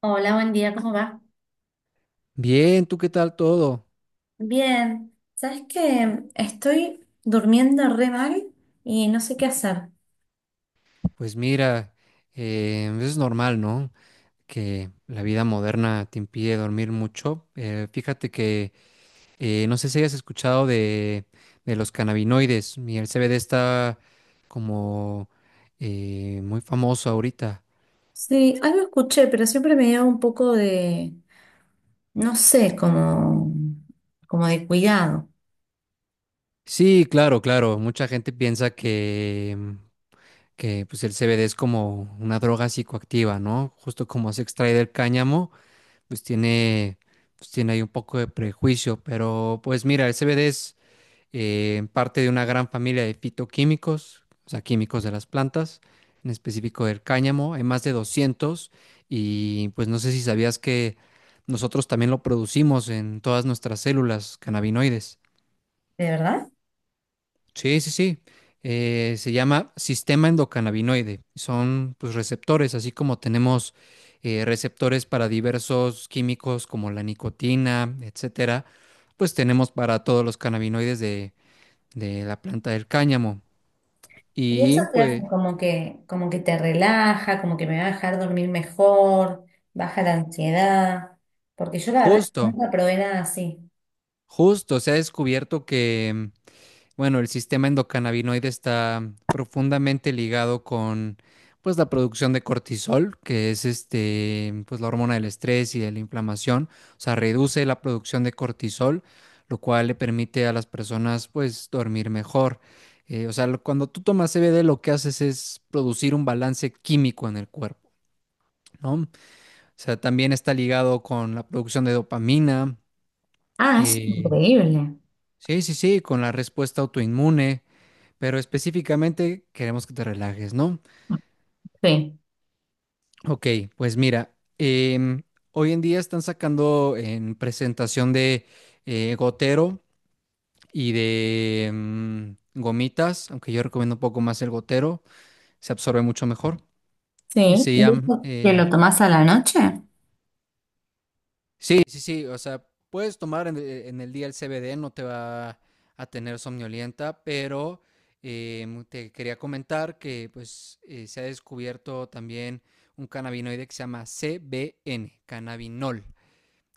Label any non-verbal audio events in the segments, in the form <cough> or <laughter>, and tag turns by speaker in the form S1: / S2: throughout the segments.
S1: Hola, buen día, ¿cómo va?
S2: Bien, ¿tú qué tal todo?
S1: Bien, ¿sabes qué? Estoy durmiendo re mal y no sé qué hacer.
S2: Pues mira, es normal, ¿no? Que la vida moderna te impide dormir mucho. Fíjate que no sé si hayas escuchado de los cannabinoides y el CBD está como muy famoso ahorita.
S1: Sí, algo escuché, pero siempre me dio un poco de, no sé, como, como de cuidado.
S2: Sí, claro, claro. Mucha gente piensa que pues el CBD es como una droga psicoactiva, ¿no? Justo como se extrae del cáñamo. pues tiene, pues tiene ahí un poco de prejuicio, pero pues mira, el CBD es parte de una gran familia de fitoquímicos, o sea, químicos de las plantas, en específico del cáñamo, hay más de 200, y pues no sé si sabías que nosotros también lo producimos en todas nuestras células cannabinoides.
S1: ¿De verdad?
S2: Sí, sí, sí. Se llama sistema endocannabinoide. Son, pues, receptores, así como tenemos receptores para diversos químicos como la nicotina, etcétera. Pues tenemos para todos los cannabinoides de la planta del cáñamo.
S1: Y eso
S2: Y
S1: te hace
S2: pues
S1: como que te relaja, como que me va a dejar dormir mejor, baja la ansiedad, porque yo la verdad que
S2: justo,
S1: nunca probé nada así.
S2: justo se ha descubierto que, bueno, el sistema endocannabinoide está profundamente ligado con pues la producción de cortisol, que es, este, pues la hormona del estrés y de la inflamación, o sea, reduce la producción de cortisol, lo cual le permite a las personas pues dormir mejor. O sea, cuando tú tomas CBD lo que haces es producir un balance químico en el cuerpo, ¿no? O sea, también está ligado con la producción de dopamina.
S1: Ah, eso es
S2: eh,
S1: increíble.
S2: Sí, sí, sí, con la respuesta autoinmune, pero específicamente queremos que te relajes, ¿no?
S1: Sí,
S2: Ok, pues mira, hoy en día están sacando en presentación de gotero y de gomitas, aunque yo recomiendo un poco más el gotero, se absorbe mucho mejor. Y
S1: sí.
S2: Se
S1: ¿Y
S2: llama
S1: eso que lo tomás a la noche?
S2: Sí, sí, sí, o sea, puedes tomar en el día el CBD, no te va a tener somnolienta, pero te quería comentar que pues se ha descubierto también un cannabinoide que se llama CBN, cannabinol.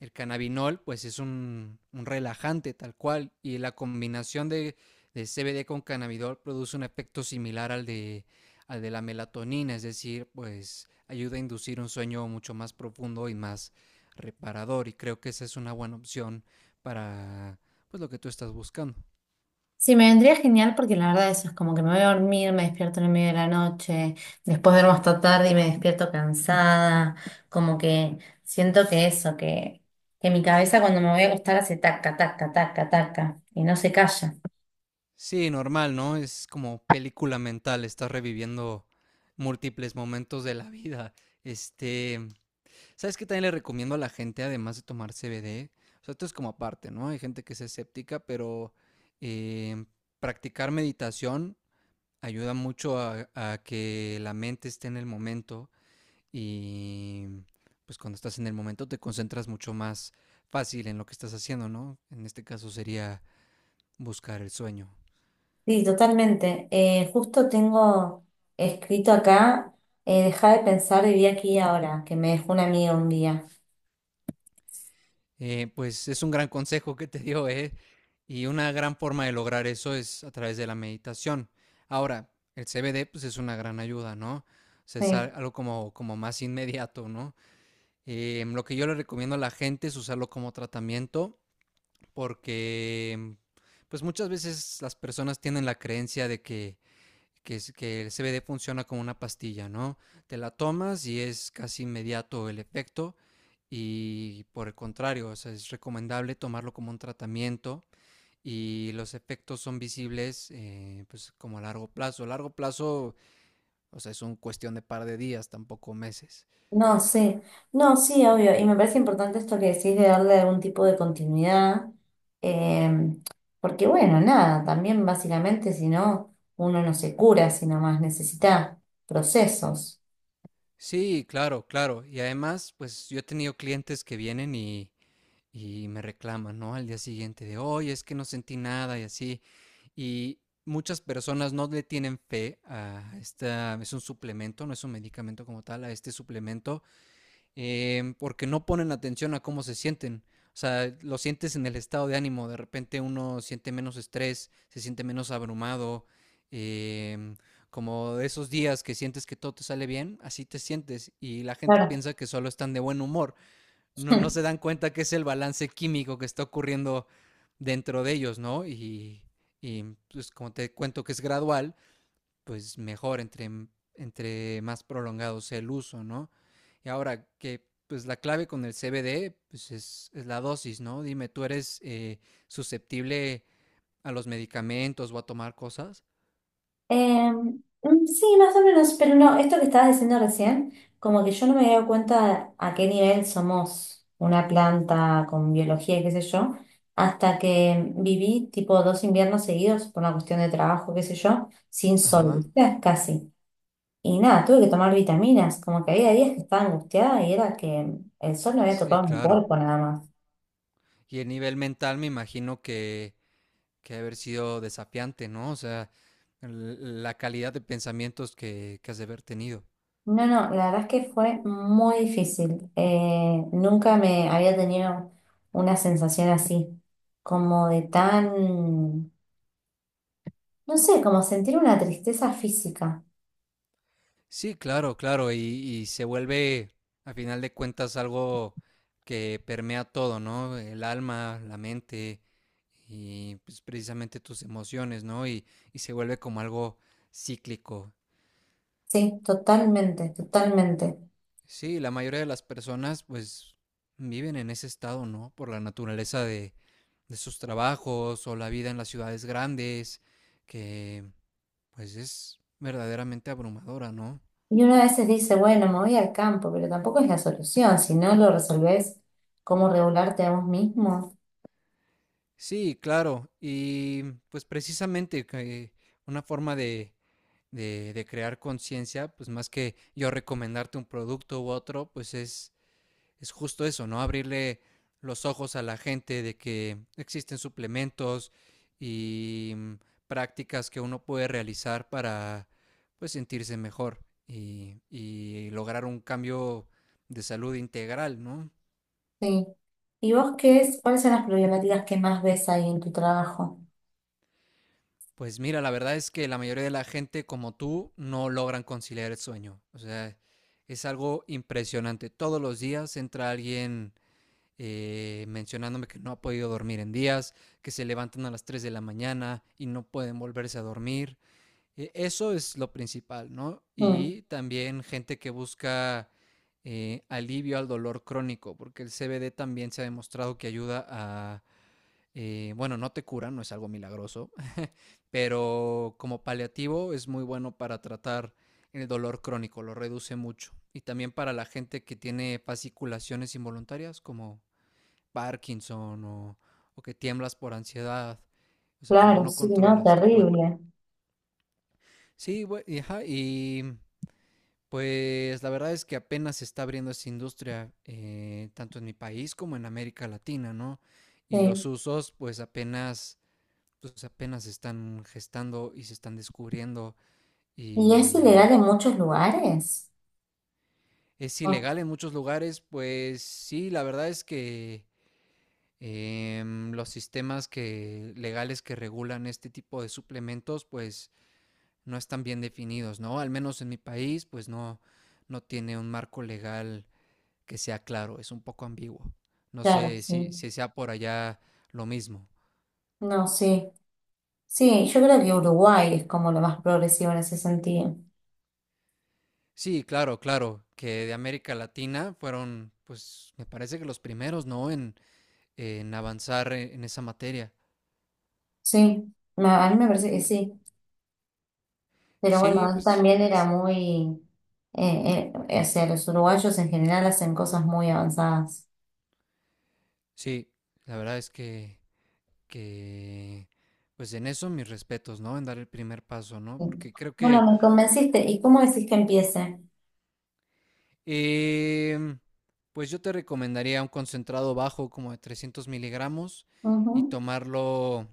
S2: El cannabinol pues es un relajante tal cual, y la combinación de CBD con cannabidol produce un efecto similar al de la melatonina, es decir, pues ayuda a inducir un sueño mucho más profundo y más reparador, y creo que esa es una buena opción para pues lo que tú estás buscando.
S1: Sí, me vendría genial porque la verdad eso es como que me voy a dormir, me despierto en el medio de la noche, después duermo hasta tarde y me despierto cansada, como que siento que eso, que mi cabeza cuando me voy a acostar hace taca, taca, taca, taca y no se calla.
S2: Sí, normal, ¿no? Es como película mental, estás reviviendo múltiples momentos de la vida. Este, ¿Sabes qué también le recomiendo a la gente, además de tomar CBD? O sea, esto es como aparte, ¿no? Hay gente que es escéptica, pero eh, practicar meditación ayuda mucho a que la mente esté en el momento, y pues cuando estás en el momento te concentras mucho más fácil en lo que estás haciendo, ¿no? En este caso sería buscar el sueño.
S1: Sí, totalmente. Justo tengo escrito acá, deja de pensar, viví aquí y ahora, que me dejó un amigo un día.
S2: Pues es un gran consejo que te dio, ¿eh? Y una gran forma de lograr eso es a través de la meditación. Ahora, el CBD pues es una gran ayuda, ¿no? O sea, es algo como más inmediato, ¿no? Lo que yo le recomiendo a la gente es usarlo como tratamiento, porque pues muchas veces las personas tienen la creencia de que el CBD funciona como una pastilla, ¿no? Te la tomas y es casi inmediato el efecto, y por el contrario, o sea, es recomendable tomarlo como un tratamiento y los efectos son visibles, pues como a largo plazo. A largo plazo, o sea, es una cuestión de par de días, tampoco meses.
S1: No, sí, no, sí, obvio. Y me parece importante esto que decís de darle algún tipo de continuidad, eh, porque bueno, nada, también básicamente si no, uno no se cura, sino más necesita procesos.
S2: Sí, claro, claro. Y además, pues yo he tenido clientes que vienen y me reclaman, ¿no? Al día siguiente de, oye, es que no sentí nada y así. Y muchas personas no le tienen fe a esta, es un suplemento, no es un medicamento como tal, a este suplemento, porque no ponen atención a cómo se sienten. O sea, lo sientes en el estado de ánimo. De repente uno siente menos estrés, se siente menos abrumado. em, como de esos días que sientes que todo te sale bien, así te sientes. Y la gente
S1: Claro.
S2: piensa que solo están de buen humor. No, no se
S1: <laughs>
S2: dan cuenta que es el balance químico que está ocurriendo dentro de ellos, ¿no? Y pues como te cuento que es gradual, pues mejor entre más prolongado sea el uso, ¿no? Y ahora que pues la clave con el CBD pues es la dosis, ¿no? Dime, ¿tú eres susceptible a los medicamentos o a tomar cosas?
S1: Sí, más o menos, pero no, esto que estabas diciendo recién, como que yo no me había dado cuenta a qué nivel somos una planta con biología y qué sé yo, hasta que viví tipo dos inviernos seguidos por una cuestión de trabajo, qué sé yo, sin sol,
S2: Ajá,
S1: ¿viste? Casi. Y nada, tuve que tomar vitaminas, como que había días que estaba angustiada y era que el sol no había
S2: sí,
S1: tocado mi
S2: claro.
S1: cuerpo nada más.
S2: Y el nivel mental me imagino que ha haber sido desafiante, ¿no? O sea, l- la calidad de pensamientos que has de haber tenido.
S1: No, no, la verdad es que fue muy difícil. Nunca me había tenido una sensación así, como de tan, no sé, como sentir una tristeza física.
S2: Sí, claro, claro, y se vuelve, a final de cuentas, algo que permea todo, ¿no? El alma, la mente y, pues, precisamente tus emociones, ¿no? Y se vuelve como algo cíclico.
S1: Sí, totalmente, totalmente.
S2: Sí, la mayoría de las personas pues viven en ese estado, ¿no? Por la naturaleza de sus trabajos o la vida en las ciudades grandes, que pues es verdaderamente abrumadora, ¿no?
S1: Y uno a veces dice, bueno, me voy al campo, pero tampoco es la solución. Si no lo resolvés, ¿cómo regularte a vos mismo?
S2: Sí, claro. Y pues precisamente que una forma de crear conciencia, pues más que yo recomendarte un producto u otro, pues es justo eso, ¿no? Abrirle los ojos a la gente de que existen suplementos y, prácticas que uno puede realizar para pues sentirse mejor y lograr un cambio de salud integral, ¿no?
S1: Sí. ¿Y vos qué es? ¿Cuáles son las problemáticas que más ves ahí en tu trabajo?
S2: Pues mira, la verdad es que la mayoría de la gente como tú no logran conciliar el sueño. O sea, es algo impresionante. Todos los días entra alguien mencionándome que no ha podido dormir en días, que se levantan a las 3 de la mañana y no pueden volverse a dormir. Eso es lo principal, ¿no?
S1: Mm,
S2: Y también gente que busca alivio al dolor crónico, porque el CBD también se ha demostrado que ayuda a, bueno, no te cura, no es algo milagroso, pero como paliativo es muy bueno para tratar el dolor crónico, lo reduce mucho. Y también para la gente que tiene fasciculaciones involuntarias como Parkinson o que tiemblas por ansiedad, o sea, cuando
S1: claro,
S2: no
S1: sí, no,
S2: controlas tu cuerpo.
S1: terrible.
S2: Sí, ajá, y pues la verdad es que apenas se está abriendo esa industria, tanto en mi país como en América Latina, ¿no? Y los
S1: Sí.
S2: usos pues apenas se están gestando y se están descubriendo,
S1: Y es
S2: y
S1: ilegal en muchos lugares.
S2: es
S1: Ah,
S2: ilegal en muchos lugares. Pues sí, la verdad es que, los sistemas que, legales que regulan este tipo de suplementos, pues no están bien definidos, ¿no? Al menos en mi país, pues no, no tiene un marco legal que sea claro, es un poco ambiguo. No
S1: claro,
S2: sé si,
S1: sí.
S2: si sea por allá lo mismo.
S1: No, sí. Sí, yo creo que Uruguay es como lo más progresivo en ese sentido.
S2: Sí, claro, claro, que de América Latina fueron, pues me parece que los primeros, ¿no? En avanzar en esa materia.
S1: Sí, ma- a mí me parece que sí. Pero bueno,
S2: Sí,
S1: él
S2: pues
S1: también era muy... O sea, los uruguayos en general hacen cosas muy avanzadas.
S2: sí, la verdad es que, pues en eso mis respetos, ¿no? En dar el primer paso, ¿no?
S1: Sí.
S2: Porque creo
S1: Bueno,
S2: que,
S1: me convenciste. ¿Y cómo decís que empiece?
S2: em, pues yo te recomendaría un concentrado bajo como de 300 mg, y
S1: Ujú.
S2: tomarlo,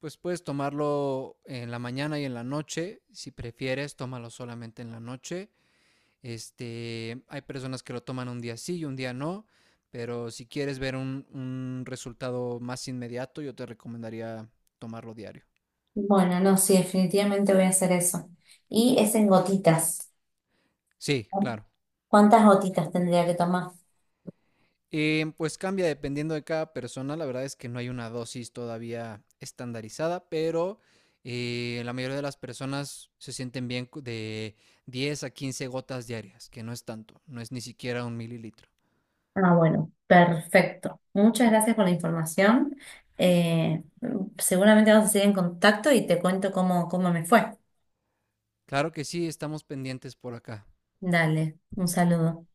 S2: pues puedes tomarlo en la mañana y en la noche; si prefieres, tómalo solamente en la noche. Hay personas que lo toman un día sí y un día no, pero si quieres ver un resultado más inmediato, yo te recomendaría tomarlo diario.
S1: Bueno, no, sí, definitivamente voy a hacer eso. Y es en gotitas.
S2: Sí,
S1: ¿No?
S2: claro.
S1: ¿Cuántas gotitas tendría que tomar?
S2: Pues cambia dependiendo de cada persona. La verdad es que no hay una dosis todavía estandarizada, pero la mayoría de las personas se sienten bien de 10 a 15 gotas diarias, que no es tanto, no es ni siquiera un mililitro.
S1: Ah, bueno, perfecto. Muchas gracias por la información. Eh, Seguramente vamos a seguir en contacto y te cuento cómo me fue.
S2: Claro que sí, estamos pendientes por acá.
S1: Dale, un saludo.